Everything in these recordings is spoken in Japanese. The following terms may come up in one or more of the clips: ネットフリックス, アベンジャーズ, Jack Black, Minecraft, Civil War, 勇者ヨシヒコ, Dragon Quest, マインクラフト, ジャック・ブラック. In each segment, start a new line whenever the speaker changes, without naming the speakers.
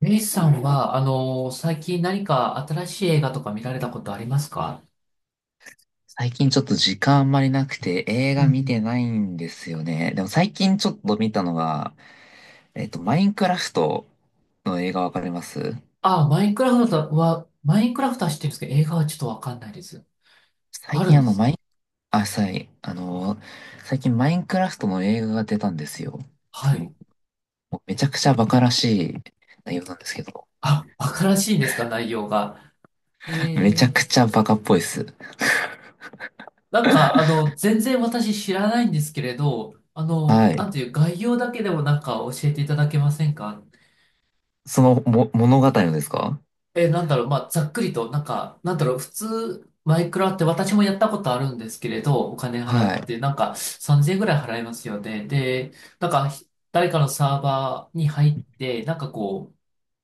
レイさんは、最近何か新しい映画とか見られたことありますか？
最近ちょっと時間あんまりなくて映
うん
画
う
見て
ん。
ないんですよね。でも最近ちょっと見たのが、マインクラフトの映画わかります？
あ、マインクラフトは、マインクラフトは知ってるんですけど、映画はちょっとわかんないです。
最
ある
近
ん
あ
で
の、
す
マイ
ね。
ン、あ、さい、あの、最近マインクラフトの映画が出たんですよ。
は
その、
い。
もうめちゃくちゃバカらしい内容なんですけど、
あ、わからしいんですか、内容が。え
めちゃ
ー、
くちゃバカっぽいです。
全然私知らないんですけれど、
はい。
なんていう、概要だけでもなんか教えていただけませんか？
その、物語のですか？
え、なんだろう、まあ、ざっくりと、なんか、なんだろう、普通、マイクラって私もやったことあるんですけれど、お金払
は
っ
い。
て、なんか、3000円ぐらい払いますよね。で、なんか、誰かのサーバーに入って、なんかこう、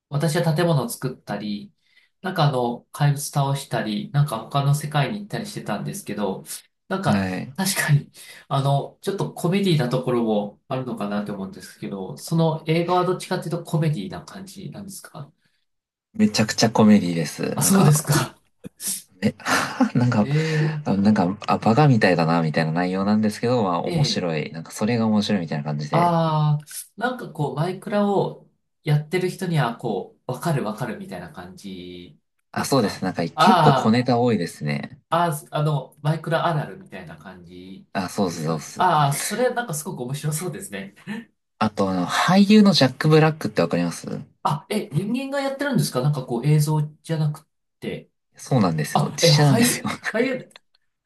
私は建物を作ったり、怪物倒したり、なんか他の世界に行ったりしてたんですけど、なん
は
か、
い。
確かに、ちょっとコメディなところもあるのかなと思うんですけど、その映画はどっちかっていうとコメディな感じなんですか？
めちゃくちゃコメディです。
あ、
なん
そうです
か、
か。
え、なん
え
か、
ー、
なんか、バカみたいだな、みたいな内容なんですけど、まあ、
え
面
え。
白い。なんか、それが面白いみたいな感じで。
ああ。なんかこう、マイクラをやってる人には、こう、わかるわかるみたいな感じで
あ、
す
そうです。
か？
なんか、結構小
あ、
ネタ多いですね。
ああー、マイクラあるあるみたいな感じ
あ、そうっ
です
す、そう
か
っ
ね。
す。
ああ、それなんかすごく面白そうですね。
あと、俳優のジャック・ブラックってわかります？
あ、え、人間がやってるんですか？なんかこう、映像じゃなくて。
そうなんですよ。
あ、
実
え、
写なん
俳
ですよ。
優、俳 優、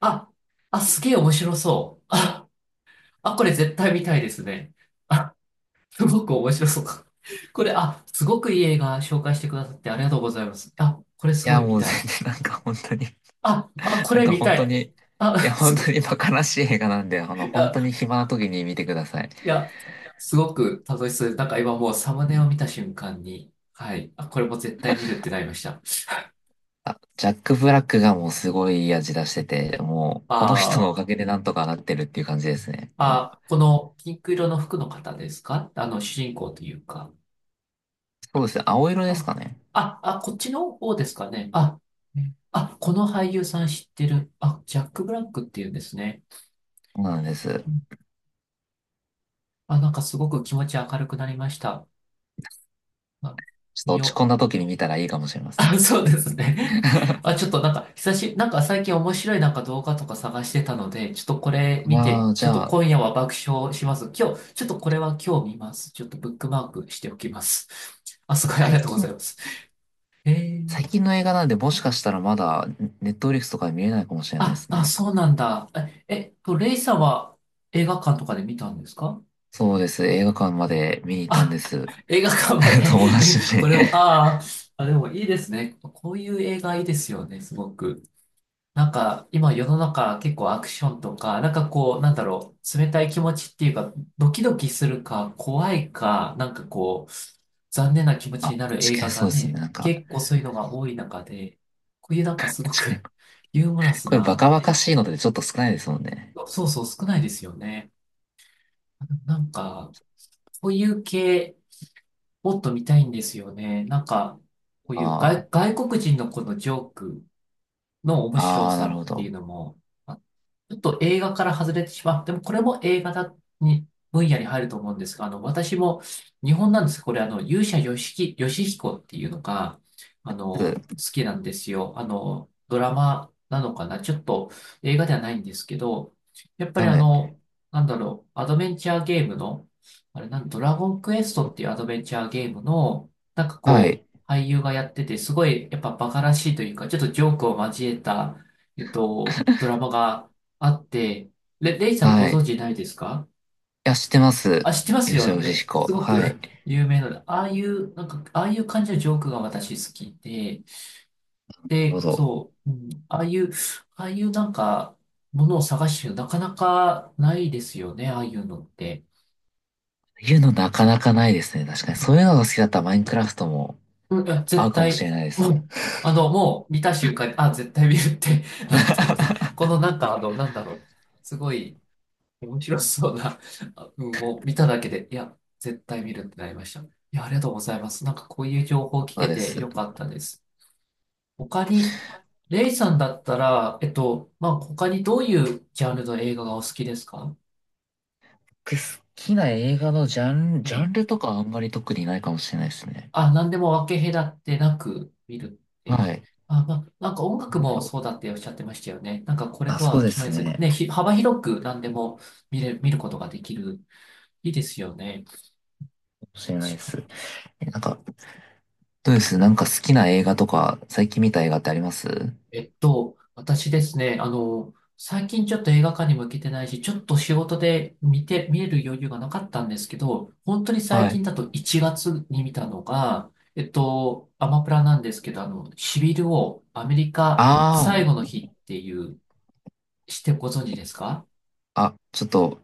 あ、あ、すげえ面白そう。あ、あ、これ絶対見たいですね。すごく面白そう。これ、あ、すごくいい映画紹介してくださってありがとうございます。あ、これ
い
すご
や、
い見
もう
た
全
い。
然、なんか、本当に、
あ、あ、こ
なん
れ
か、
見
本
た
当
い。
に、い
あ、
や、
す
本当
ご、
にバカらしい映画なんで、
い
本
や、
当に暇な時に見てください。
いや、すごく楽しそうです。なんか今もうサムネを見た瞬間に、はい、あ、これも絶対見るってなりました。
あ、ジャック・ブラックがもうすごいいい味出してて、もう、
あ
この人のおかげ
ー、
でなんとかなってるっていう感じですね。もう
あ、このピンク色の服の方ですか？あの、主人公というか。
そうですね。青色です
あ、
かね。
あ、あ、こっちの方ですかね。あ、あ、この俳優さん知ってる。あ、ジャック・ブラックっていうんですね。
そうなんです。
あ、なんかすごく気持ち明るくなりました。まあ、
ちょっと
見
落ち
よ
込
う。
んだ時に見たらいいかもしれま せ
あ、
ん。
そうですね。あ、ちょ っとなんか、久し、なんか最近面白いなんか動画とか探してたので、ちょっとこれ見
ま
て、
あ、
ち
じ
ょっと
ゃあ、
今夜は爆笑します。今日、ちょっとこれは今日見ます。ちょっとブックマークしておきます。あ、すごいあり
最
がとうござ
近、
います。え
最
ー、
近の映画なんで、もしかしたらまだ、ネットフリックスとかで見れないかもしれないで
あ、
す
あ、
ね。
そうなんだ。え、レイさんは映画館とかで見たんですか？
そうです。映画館まで見に行ったんで
あ、
す。
映画館ま で。
友達と一 緒
こ
に。
れを、ああ、あ、でもいいですね。こういう映画いいですよね、すごく。なんか、今世の中結構アクションとか、なんかこう、なんだろう、冷たい気持ちっていうか、ドキドキするか、怖いか、なんかこう、残念な気持
あ、
ちに
確
なる映
かに
画
そう
が
です
ね、
ね。なんか、
結構そういうのが多い中で、こういうなんか
確
すご
かに、
く ユーモラス
これバ
な、
カバカ
ね、
しいのでちょっと少ないですもんね。
そうそう、少ないですよね。なんか、こういう系、もっと見たいんですよね。なんか、こういう
あ
外、外国人のこのジョークの面白
あ、ああ、な
さ
る
っ
ほ
ていう
ど。
のも、ちょっと映画から外れてしまっても、これも映画だに、分野に入ると思うんですが、私も、日本なんですこれ、勇者よしき、よしひこっていうのが、好きなんですよ。あの、ドラマなのかな、ちょっと映画ではないんですけど、やっぱり
はい。
なんだろう、アドベンチャーゲームの、あれなん、ドラゴンクエストっていうアドベンチャーゲームの、なんか
は
こ
い。
う、俳優がやってて、すごい、やっぱバカらしいというか、ちょっとジョークを交えた、ドラマが、あって、レ、レイさんご
はい。い
存知ないですか？
や、知ってます。
あ、知ってます
勇者
よ
ヨシ
ね。
ヒコ。
すご
は
く
い。なる
有名なので、ああいう、なんか、ああいう感じのジョークが私好きで、
ほ
で、
ど。
そう、うん、ああいう、ああいうなんか、ものを探してるのなかなかないですよね、ああいうのって。
いうのなかなかないですね。確かに。そういうのが好きだったらマインクラフトも
うん、いや、
合
絶
うかもし
対、
れないで
も
す。
う、もう見た瞬間に、あ、絶対見るって なったので、このなんか、なんだろう、すごい、面白そうな、あうん、もう見ただけで、いや、絶対見るってなりました。いや、ありがとうございます。なんかこういう情報を聞
そう
け
で
て
す。
よ
で
かったです。他に、レイさんだったら、まあ、他にどういうジャンルの映画がお好きですか？
好きな映画のジャン、
え
ジャ
え。
ンルとかあんまり特にないかもしれないですね。
あ、何でも分け隔てなく見るって。
はい。
あ、まあ、なんか音
な
楽
んだ
も
ろ
そう
う。
だっておっしゃってましたよね。なんかこれ
あ、
と
そう
は
で
決め
す
ずに、
ね。
ね、幅広く何でも見れ、見ることができる。いいですよね。
かもしれないです。なんか、どうです？なんか好きな映画とか、最近見た映画ってあります？
私ですね、最近ちょっと映画館にも行けてないし、ちょっと仕事で見て、見える余裕がなかったんですけど、本当に最
は
近
い。
だと1月に見たのが、アマプラなんですけど、シビルをアメリカ
あ
最後の日っていう、してご存知ですか？
あ、あ、ちょっと、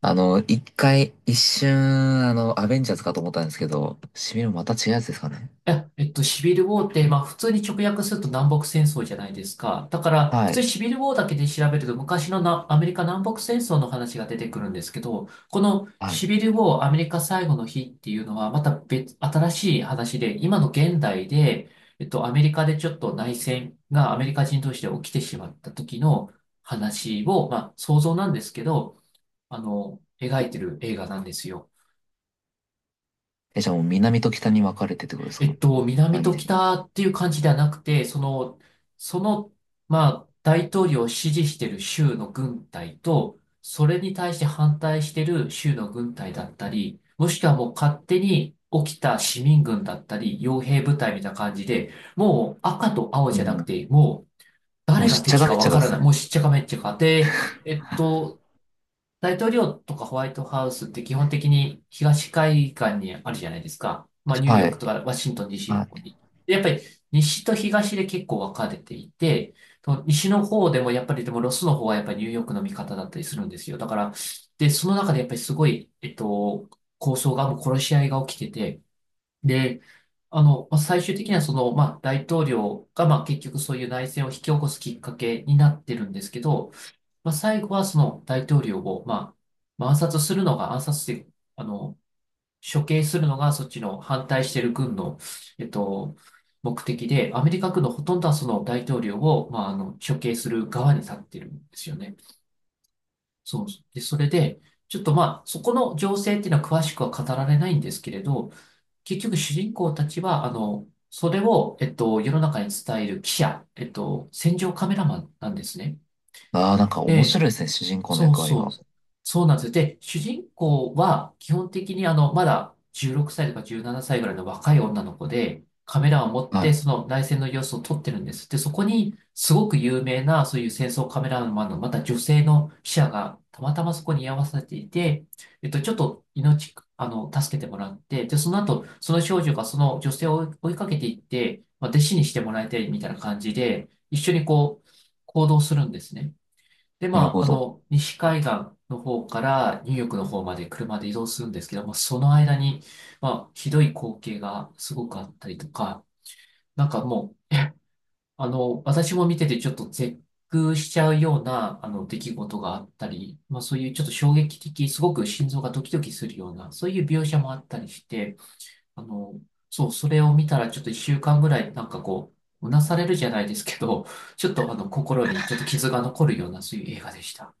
1回、一瞬、アベンジャーズかと思ったんですけど、シミのまた違うやつですかね。
いや、シビルウォーって、まあ、普通に直訳すると南北戦争じゃないですか。だから、普
は
通に
い。
シビルウォーだけで調べると、昔のなアメリカ南北戦争の話が出てくるんですけど、この
はい。
シビルウォーアメリカ最後の日っていうのは、また別、新しい話で、今の現代で、アメリカでちょっと内戦がアメリカ人同士で起きてしまった時の話を、まあ、想像なんですけど、描いてる映画なんですよ。
え、じゃあもう南と北に分かれてってことですか？
南
前み
と
たいに。
北っていう感じではなくて、その、その、まあ、大統領を支持している州の軍隊と、それに対して反対している州の軍隊だったり、もしくはもう勝手に起きた市民軍だったり、傭兵部隊みたいな感じで、もう赤と青
も
じゃなく
う
て、もう
もう
誰
し
が
っちゃ
敵
かめ
か
っ
わ
ちゃか
か
で
ら
す
ない。
ね。
もうしっちゃかめっちゃかで、えっと、大統領とかホワイトハウスって基本的に東海岸にあるじゃないですか。まあ、ニューヨ
は
ー
い。
クとかワシントン DC
は
の
い。
方に。でやっぱり西と東で結構分かれていて、その西の方でもやっぱりでもロスの方はやっぱりニューヨークの味方だったりするんですよ。だから、で、その中でやっぱりすごい、抗争が、もう殺し合いが起きてて、で、まあ最終的にはその、まあ、大統領が、まあ、結局そういう内戦を引き起こすきっかけになってるんですけど、まあ、最後はその大統領を、まあ、まあ暗殺するのが、暗殺して、あの、処刑するのがそっちの反対してる軍の、えっと、目的で、アメリカ軍のほとんどはその大統領を、まあ、処刑する側に立ってるんですよね。そう。で、それで、ちょっとそこの情勢っていうのは詳しくは語られないんですけれど、結局主人公たちは、それを、世の中に伝える記者、戦場カメラマンなんですね。
ああ、なんか面
で、
白いですね、主人公の
そう
役割が。
そう。そうなんですよ。で、主人公は基本的にまだ16歳とか17歳ぐらいの若い女の子で、カメラを持っ
は
て
い。
その内戦の様子を撮ってるんです。で、そこにすごく有名なそういう戦争カメラマンのまた女性の記者がたまたまそこに居合わせていて、ちょっと命、助けてもらって、で、その後、その少女がその女性を追いかけていって、まあ、弟子にしてもらいたいみたいな感じで、一緒にこう、行動するんですね。で、ま
なるほ
あ、あ
ど。
の、西海岸の方からニューヨークの方まで車で移動するんですけども、その間に、まあ、ひどい光景がすごくあったりとか、なんかもう、私も見ててちょっと絶句しちゃうような、出来事があったり、まあ、そういうちょっと衝撃的、すごく心臓がドキドキするような、そういう描写もあったりして、あの、そう、それを見たらちょっと一週間ぐらい、なんかこう、うなされるじゃないですけど、ちょっと心にちょっと傷が残るような、そういう映画でした。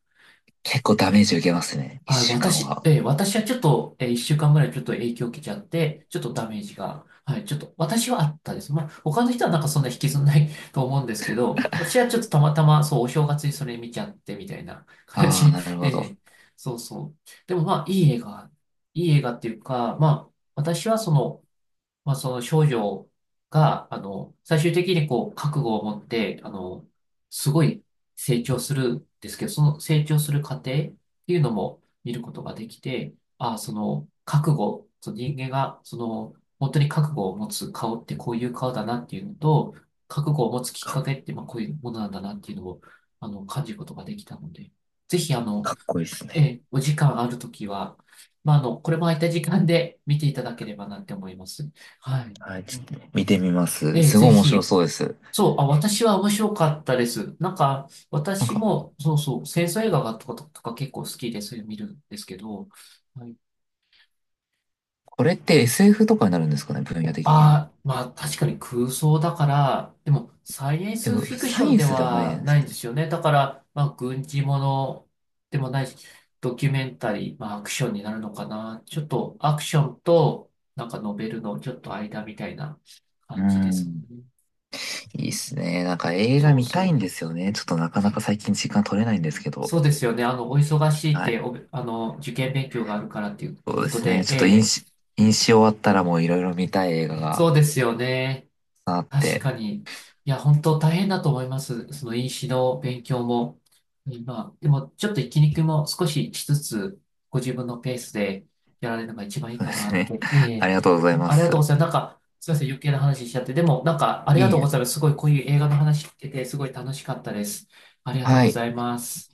結構ダメージ受けますね、
あ、
1週間
私、
は。
私はちょっと、一週間ぐらいちょっと影響を受けちゃって、ちょっとダメージが、はい、ちょっと、私はあったです。まあ、他の人はなんかそんな引きずんない と思うんですけど、私はちょっとたまたま、そう、お正月にそれ見ちゃってみたいな感
ああ、
じ。
なる ほど。
そうそう。でもまあ、いい映画、いい映画っていうか、まあ、私はその、まあ、その少女が、最終的にこう、覚悟を持って、すごい成長するんですけど、その成長する過程っていうのも見ることができて、ああ、その、覚悟、その人間が、その、本当に覚悟を持つ顔ってこういう顔だなっていうのと、覚悟を持つきっかけって、まあ、こういうものなんだなっていうのを、感じることができたので、ぜひ、
かっこいいです
え
ね。
え、お時間あるときは、まあ、あの、これも空いた時間で見ていただければなって思います。はい。
はい、ちょっと見てみます。
ええ、
すご
ぜ
い面白
ひ。
そうです。
そう、あ、私は面白かったです。なんか、
なん
私
か、
も、そうそう、戦争映画がとか、とか結構好きで、そういうの見るんですけど、はい。
これって SF とかになるんですかね、分野的には。
ああ、まあ確かに空想だから、でもサイエン
で
ス
も、
フィクシ
サイ
ョン
エン
で
スではないじゃ
は
ないで
な
す
いん
か
で
ね。
すよね。だから、まあ軍事ものでもないし、ドキュメンタリー、まあアクションになるのかな。ちょっとアクションとなんかノベルのちょっと間みたいな
う
感じですもん
ん。
ね。
いいっすね。なんか映画
そう
見たいん
そう。
ですよね。ちょっとなかなか最近時間取れないんですけど。
そうですよね。あの、お忙しいっ
は
て、
い。
あの、受験勉強があるからっていう
そう
こ
で
と
すね。
で、
ち
え
ょっと飲
え、
酒、飲酒終わったらもういろいろ見たい映画が
そうですよね。
あっ
確か
て。
に。いや、本当大変だと思います。その飲酒の勉強も。今、でもちょっと息抜も少ししつつ、ご自分のペースでやられるのが一番いい
そう
か
で
な
す
っ
ね。
て。え
あ
え、
りがとうございま
ありがとう
す。
ございます。なんか、すいません、余計な話しちゃって。でも、なんか、あり
いえ
がと
い
うご
え。
ざいます。すごい、こういう映画の話聞けて、すごい楽しかったです。ありがとう
は
ご
い。
ざいます。